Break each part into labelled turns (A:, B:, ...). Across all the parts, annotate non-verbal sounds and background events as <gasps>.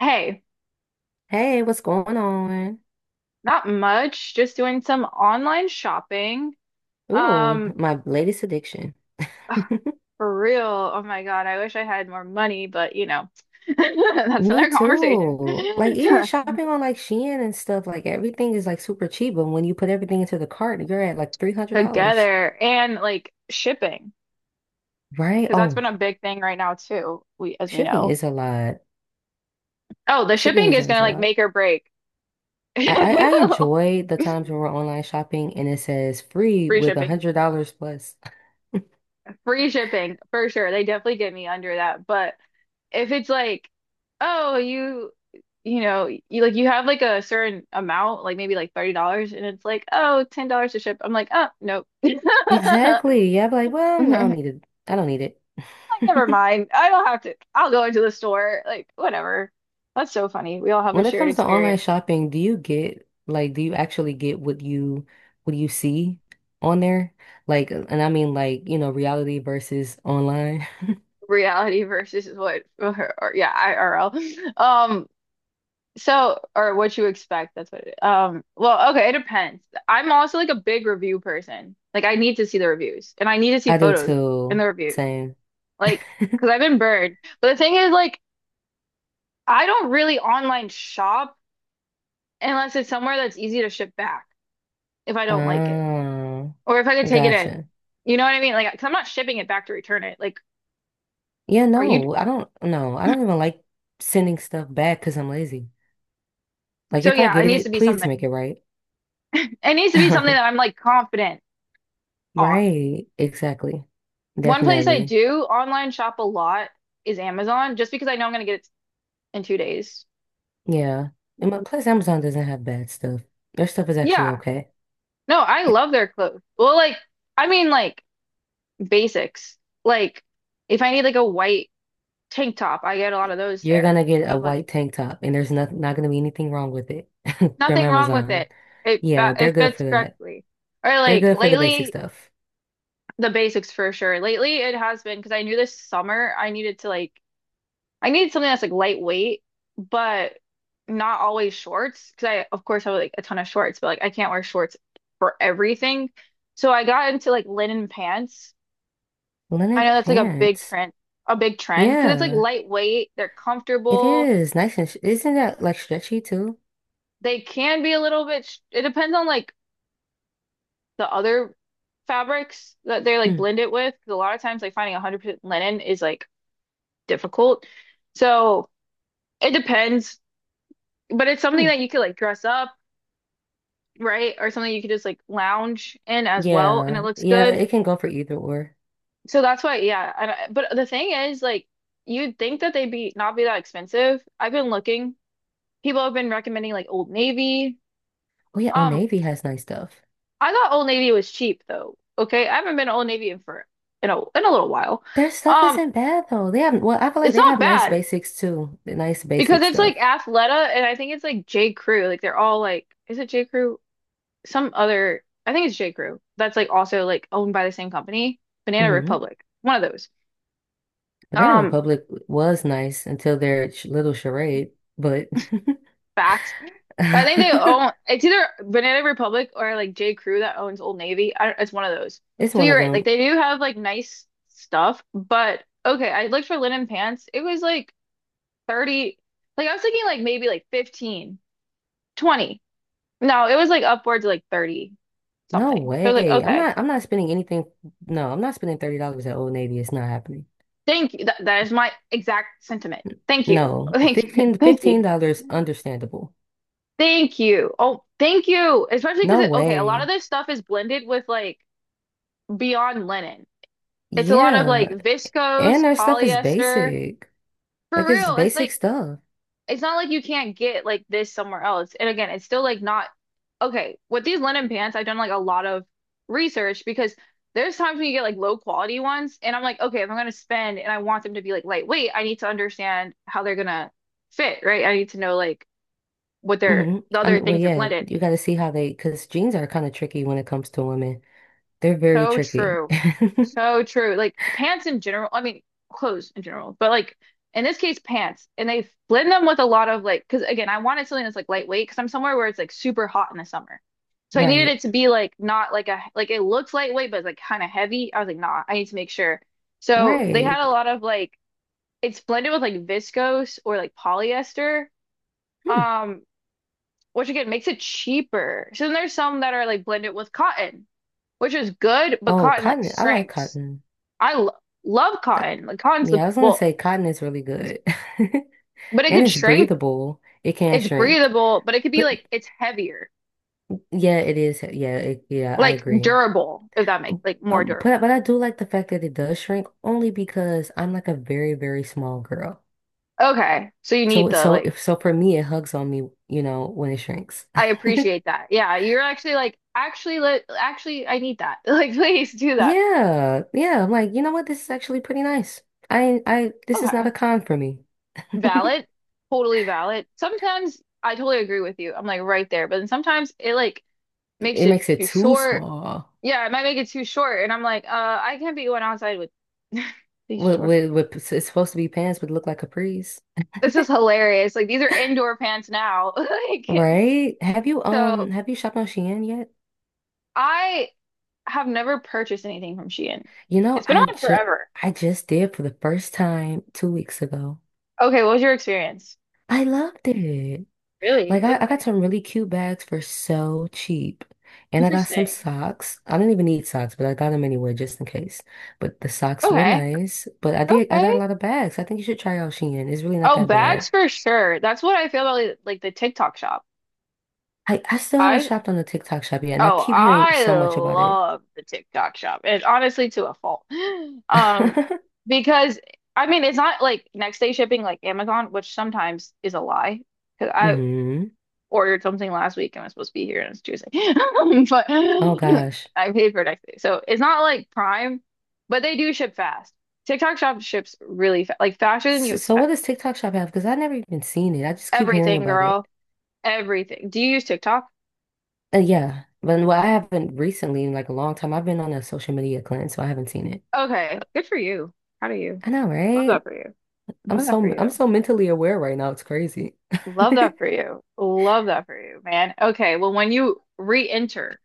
A: Hey,
B: Hey, what's going on?
A: not much. Just doing some online shopping.
B: Ooh,
A: Um,
B: my latest addiction. <laughs>
A: for real. Oh my God, I wish I had more money, but you know, <laughs> that's
B: Me
A: another conversation.
B: too. Like even shopping on like Shein and stuff, like everything is like super cheap, but when you put everything into the cart, you're at like
A: <laughs>
B: $300,
A: Together. And like shipping,
B: right?
A: because that's
B: Oh,
A: been a big thing right now too, we as we
B: shipping
A: know.
B: is a lot.
A: Oh, the
B: Shipping
A: shipping
B: is
A: is
B: always
A: gonna
B: a
A: like
B: lot.
A: make or break. <laughs>
B: I enjoy the times when we're online shopping and it says free
A: Free
B: with a
A: shipping.
B: $100 plus. <laughs>
A: Free shipping for sure. They definitely get me under that. But if it's like, oh, you know, you like you have like a certain amount, like maybe like $30, and it's like, oh, $10 to ship. I'm like, oh, nope. <laughs>
B: Exactly. Yeah, I'm like, well, I don't
A: Like,
B: need it. I don't need it.
A: never
B: <laughs>
A: mind. I don't have to. I'll go into the store. Like, whatever. That's so funny. We all have a
B: When it
A: shared
B: comes to online
A: experience.
B: shopping, do you get like do you actually get what you see on there? Like, and I mean like, reality versus online.
A: Reality versus what, <laughs> or, yeah, IRL. So, or what you expect, that's what it, well, okay, it depends. I'm also like a big review person. Like I need to see the reviews and I need to
B: <laughs>
A: see
B: I do
A: photos in
B: too.
A: the reviews.
B: Same.
A: Like, because 'cause I've been burned. But the thing is, like, I don't really online shop unless it's somewhere that's easy to ship back if I don't like it,
B: Oh,
A: or if I could take it in.
B: gotcha.
A: You know what I mean? Like, 'cause I'm not shipping it back to return it. Like,
B: Yeah,
A: are you?
B: no, I don't even like sending stuff back because I'm lazy. Like
A: So
B: if I
A: yeah, it
B: get
A: needs to
B: it,
A: be
B: please make
A: something.
B: it right.
A: It needs to be something that I'm
B: <laughs>
A: like confident on.
B: Right, exactly.
A: One place I
B: Definitely.
A: do online shop a lot is Amazon, just because I know I'm gonna get it in 2 days.
B: Yeah. And plus Amazon doesn't have bad stuff. Their stuff is actually
A: Yeah.
B: okay.
A: No, I
B: <laughs>
A: love their clothes. Well, like, I mean, like basics. Like, if I need like a white tank top, I get a lot of those
B: You're
A: there.
B: gonna get a
A: Of like,
B: white tank top, and there's not gonna be anything wrong with it <laughs> from
A: nothing wrong with
B: Amazon.
A: it.
B: Yeah, they're
A: It
B: good
A: fits
B: for that.
A: correctly. Or
B: They're
A: like
B: good for the basic
A: lately,
B: stuff.
A: the basics for sure. Lately, it has been because I knew this summer I needed to like I needed something that's like lightweight, but not always shorts. Because I, of course, have like a ton of shorts, but like I can't wear shorts for everything. So I got into like linen pants. I
B: Linen
A: know that's like
B: pants.
A: a big trend because it's like
B: Yeah,
A: lightweight. They're
B: it
A: comfortable.
B: is nice and sh isn't that like stretchy too?
A: They can be a little bit. Sh It depends on like the other fabrics that they like
B: Mm.
A: blend it with. Because a lot of times, like finding 100% linen is like difficult. So it depends, but it's something
B: Mm.
A: that you could like dress up, right? Or something you could just like lounge in as well, and it
B: Yeah,
A: looks
B: yeah,
A: good.
B: it can go for either or.
A: So that's why, yeah. And I, but the thing is, like, you'd think that they'd be not be that expensive. I've been looking. People have been recommending like Old Navy.
B: Oh yeah, Old
A: Um,
B: Navy has nice stuff.
A: I thought Old Navy was cheap though. Okay, I haven't been to Old Navy in for in a little while.
B: Their stuff
A: Um,
B: isn't bad though. They have I feel like
A: it's
B: they
A: not
B: have nice
A: bad
B: basics too. The nice
A: because
B: basic
A: it's like
B: stuff.
A: Athleta, and I think it's like J. Crew. Like they're all like, is it J. Crew? Some other, I think it's J. Crew. That's like also like owned by the same company, Banana
B: hmm
A: Republic, one of those.
B: Banana
A: Um,
B: Republic was nice until their little charade, but.
A: Facts. But I think they own.
B: <laughs>
A: It's either Banana Republic or like J. Crew that owns Old Navy. I don't, it's one of those.
B: It's
A: So
B: one
A: you're
B: of
A: right.
B: them.
A: Like they do have like nice stuff, but okay. I looked for linen pants. It was like 30. Like I was thinking like maybe like 15, 20. No, it was like upwards of like 30
B: No
A: something. So I was like,
B: way.
A: okay.
B: I'm not spending anything. No, I'm not spending $30 at Old Navy. It's not happening.
A: Thank you. That is my exact sentiment. Thank you.
B: No.
A: Thank you.
B: 15
A: <laughs> Thank you.
B: $15 understandable.
A: Thank you. Oh, thank you. Especially
B: No
A: because okay, a lot of
B: way.
A: this stuff is blended with like beyond linen. It's a lot of like
B: Yeah.
A: viscose,
B: And their stuff is
A: polyester.
B: basic.
A: For
B: Like it's
A: real, it's
B: basic
A: like
B: stuff.
A: it's not like you can't get like this somewhere else. And again, it's still like not okay. With these linen pants, I've done like a lot of research because there's times when you get like low quality ones, and I'm like, okay, if I'm gonna spend and I want them to be like lightweight, I need to understand how they're gonna fit, right? I need to know like what their the other things are
B: Yeah,
A: blended.
B: you gotta see how they because jeans are kind of tricky when it comes to women. They're very
A: So
B: tricky.
A: true.
B: <laughs>
A: So true. Like pants in general, I mean clothes in general, but like in this case pants. And they blend them with a lot of like because again, I wanted something that's like lightweight because I'm somewhere where it's like super hot in the summer. So I needed
B: Right.
A: it to be like not like a like it looks lightweight but it's like kind of heavy. I was like, nah, I need to make sure. So they had a
B: Right.
A: lot of like it's blended with like viscose or like polyester.
B: Hmm.
A: Um, which again makes it cheaper. So then there's some that are like blended with cotton, which is good, but
B: Oh,
A: cotton like
B: cotton. I like
A: shrinks.
B: cotton.
A: I lo Love
B: Uh,
A: cotton. Like cotton's the
B: Yeah, I was gonna
A: well,
B: say cotton is really good. <laughs>
A: but it
B: And
A: could
B: it's
A: shrink.
B: breathable. It can
A: It's
B: shrink.
A: breathable, but it could be
B: But
A: like it's heavier,
B: yeah, it is. Yeah, I
A: like
B: agree.
A: durable, if that makes like more
B: But
A: durable.
B: I do like the fact that it does shrink only because I'm like a very, very small girl.
A: Okay, so you need
B: So
A: the
B: so
A: like.
B: if so for me it hugs on me, you know, when it shrinks. <laughs>
A: I appreciate that. Yeah, you're actually like actually I need that. <laughs> Like please do that.
B: Yeah, yeah. I'm like, you know what? This is actually pretty nice. I this is not
A: Okay,
B: a con for me.
A: valid, totally valid. Sometimes I totally agree with you. I'm like right there, but then sometimes it like makes
B: It
A: it
B: makes it
A: too
B: too
A: short.
B: small.
A: Yeah, it might make it too short, and I'm like, I can't be going outside with <laughs> these
B: With
A: short.
B: with, with it's supposed to be pants, but look like capris,
A: This is hilarious. Like these are indoor pants now. <laughs> Like
B: right?
A: so
B: Have you shopped on Shein yet?
A: I have never purchased anything from Shein.
B: You know,
A: It's been
B: I
A: on
B: just
A: forever.
B: I just did for the first time 2 weeks ago.
A: Okay, what was your experience?
B: I loved it.
A: Really?
B: I got
A: Okay.
B: some really cute bags for so cheap. And I got some
A: Interesting.
B: socks. I didn't even need socks, but I got them anyway just in case. But the socks were
A: Okay.
B: nice. But I got a
A: Okay.
B: lot of bags. I think you should try out Shein. It's really not
A: Oh,
B: that bad.
A: bags for sure. That's what I feel about like the TikTok shop.
B: I still haven't
A: I
B: shopped on the TikTok shop yet, and I
A: Oh,
B: keep hearing
A: I
B: so much about it.
A: love the TikTok shop. And honestly to a fault. <gasps> Um,
B: <laughs>
A: because I mean it's not like next day shipping like Amazon, which sometimes is a lie. Because I
B: hmm
A: ordered something last week and I was supposed to be here and it's Tuesday. <laughs> But
B: Oh
A: <laughs>
B: gosh.
A: I paid for it next day. So it's not like Prime, but they do ship fast. TikTok Shop ships really fast, like faster than you
B: So what
A: expect.
B: does TikTok shop have? Because I never even seen it. I just keep hearing
A: Everything,
B: about it.
A: girl. Everything. Do you use TikTok?
B: Yeah, but I haven't recently in like a long time. I've been on a social media cleanse, so I haven't seen it.
A: Okay. Good for you. How do you?
B: I know,
A: Love that
B: right?
A: for you. Love that for
B: I'm
A: you.
B: so mentally aware right now. It's crazy. <laughs>
A: Love that for you. Love that for you, man. Okay, well, when you re-enter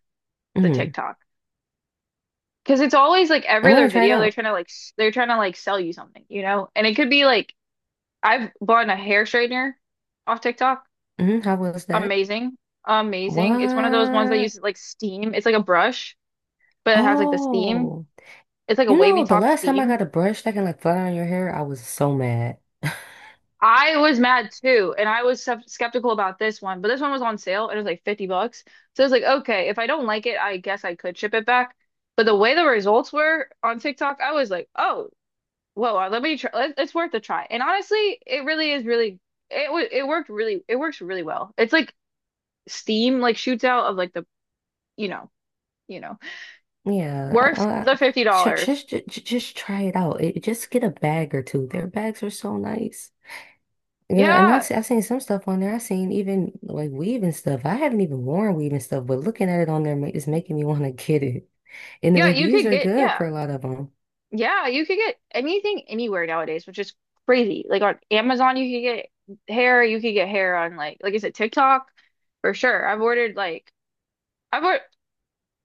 A: the
B: hmm
A: TikTok, because it's always like every
B: I'm
A: other
B: gonna try it
A: video, they're
B: out.
A: trying to they're trying to like sell you something, you know? And it could be like I've bought a hair straightener off TikTok.
B: Hmm How was that?
A: Amazing. Amazing. It's one of those ones that
B: What?
A: uses like steam. It's like a brush, but it has like the steam.
B: Oh,
A: It's like a
B: you
A: wavy
B: know, the
A: talk
B: last time I
A: steam.
B: got a brush that can like flat iron your hair, I was so mad.
A: I was mad too, and I was skeptical about this one, but this one was on sale and it was like 50 bucks. So I was like, okay, if I don't like it, I guess I could ship it back. But the way the results were on TikTok, I was like, oh, whoa, let me try. It's worth a try. And honestly, it really is really, it, wa- it worked really, it works really well. It's like, steam like shoots out of like the you know you know,
B: Yeah, I,
A: worth
B: I,
A: the $50.
B: just, just try it out. Just get a bag or two. Their bags are so nice. Girl, and
A: Yeah,
B: I've seen some stuff on there. I've seen even like weave and stuff. I haven't even worn weave and stuff, but looking at it on there is making me <laughs> want to get it. And the
A: yeah, you
B: reviews
A: could
B: are
A: get
B: good
A: yeah
B: for a lot of them.
A: yeah you could get anything anywhere nowadays, which is crazy. Like on Amazon, you could get hair. You could get hair on like is it TikTok for sure. I've ordered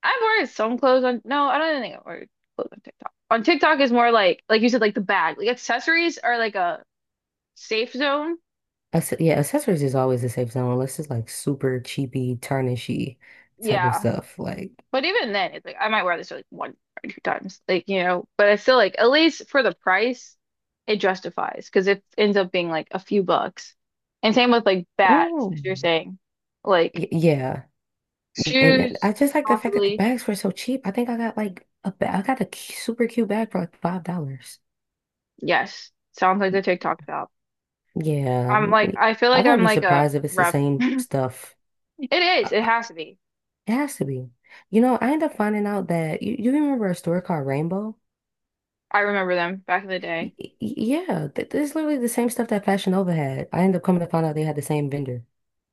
A: I've ordered some clothes on. No, I don't think I've ordered clothes on TikTok. On TikTok is more like you said like the bag like accessories are like a safe zone.
B: Yeah, accessories is always a safe zone unless it's like super cheapy, tarnishy type of
A: Yeah.
B: stuff. Like,
A: But even then, it's like I might wear this like one or two times, like you know. But I still like at least for the price, it justifies because it ends up being like a few bucks. And same with like bags, as
B: oh,
A: you're saying, like
B: yeah. And
A: shoes,
B: I just like the fact that the
A: possibly.
B: bags were so cheap. I think I got like I got a super cute bag for like $5.
A: Yes, sounds like the TikTok shop.
B: Yeah.
A: I'm like I feel
B: I
A: like
B: wouldn't
A: I'm
B: be
A: like a
B: surprised if it's the
A: rep.
B: same stuff.
A: It is. It has to be.
B: It has to be. You know, I ended up finding out that you remember a store called Rainbow?
A: I remember them back in the day.
B: Yeah, th this is literally the same stuff that Fashion Nova had. I ended up coming to find out they had the same vendor.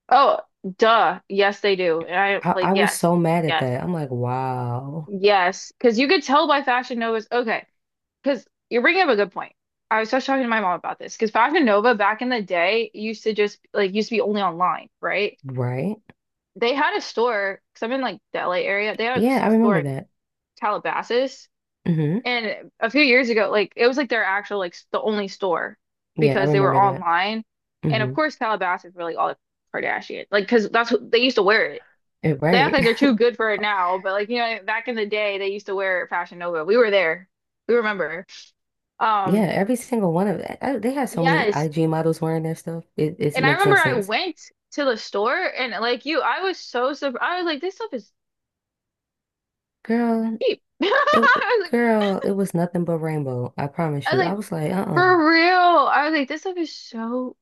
A: Oh, duh. Yes, they do. And I like
B: I was
A: yes,
B: so mad at
A: yes,
B: that. I'm like, wow,
A: yes. Because you could tell by Fashion Nova's okay. Because you're bringing up a good point. I was just talking to my mom about this because Fashion Nova back in the day used to just like used to be only online, right?
B: right?
A: They had a store because I'm in like the LA area. They had
B: Yeah, I
A: a store
B: remember
A: in
B: that.
A: Calabasas,
B: Hmm
A: and a few years ago, like it was like their actual the only store
B: Yeah, I
A: because they were
B: remember that.
A: online, and of
B: Hmm
A: course Calabasas were like all the Kardashian, like because that's what they used to wear it. They act
B: Right.
A: like
B: <laughs>
A: they're too good for it now, but like you know back in the day they used to wear Fashion Nova. We were there, we remember.
B: Yeah,
A: Um.
B: every single one of that. They had so many
A: Yes,
B: IG models wearing their stuff. It
A: and I
B: makes no
A: remember I
B: sense.
A: went to the store and like you, I was so surprised. I was like, this stuff is
B: Girl,
A: cheap. <laughs>
B: it girl, it was nothing but Rainbow. I promise
A: I was
B: you. I
A: like,
B: was like, uh-uh,
A: for real. I was like, this stuff is so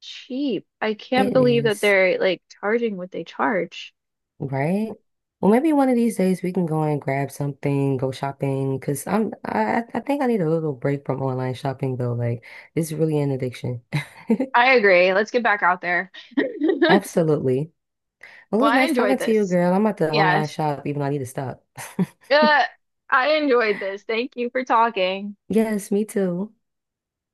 A: cheap. I can't
B: it
A: believe that
B: is.
A: they're like charging what they charge.
B: Right? Well, maybe one of these days we can go and grab something, go shopping, because I think I need a little break from online shopping though. Like it's really an addiction.
A: I agree. Let's get back out there. <laughs>
B: <laughs> Absolutely. Well, it
A: Well,
B: was
A: I
B: nice
A: enjoyed
B: talking to you,
A: this.
B: girl. I'm about to online
A: Yes.
B: shop, even though I need to stop. <laughs>
A: Uh, I enjoyed this. Thank you for talking.
B: Yes, me too.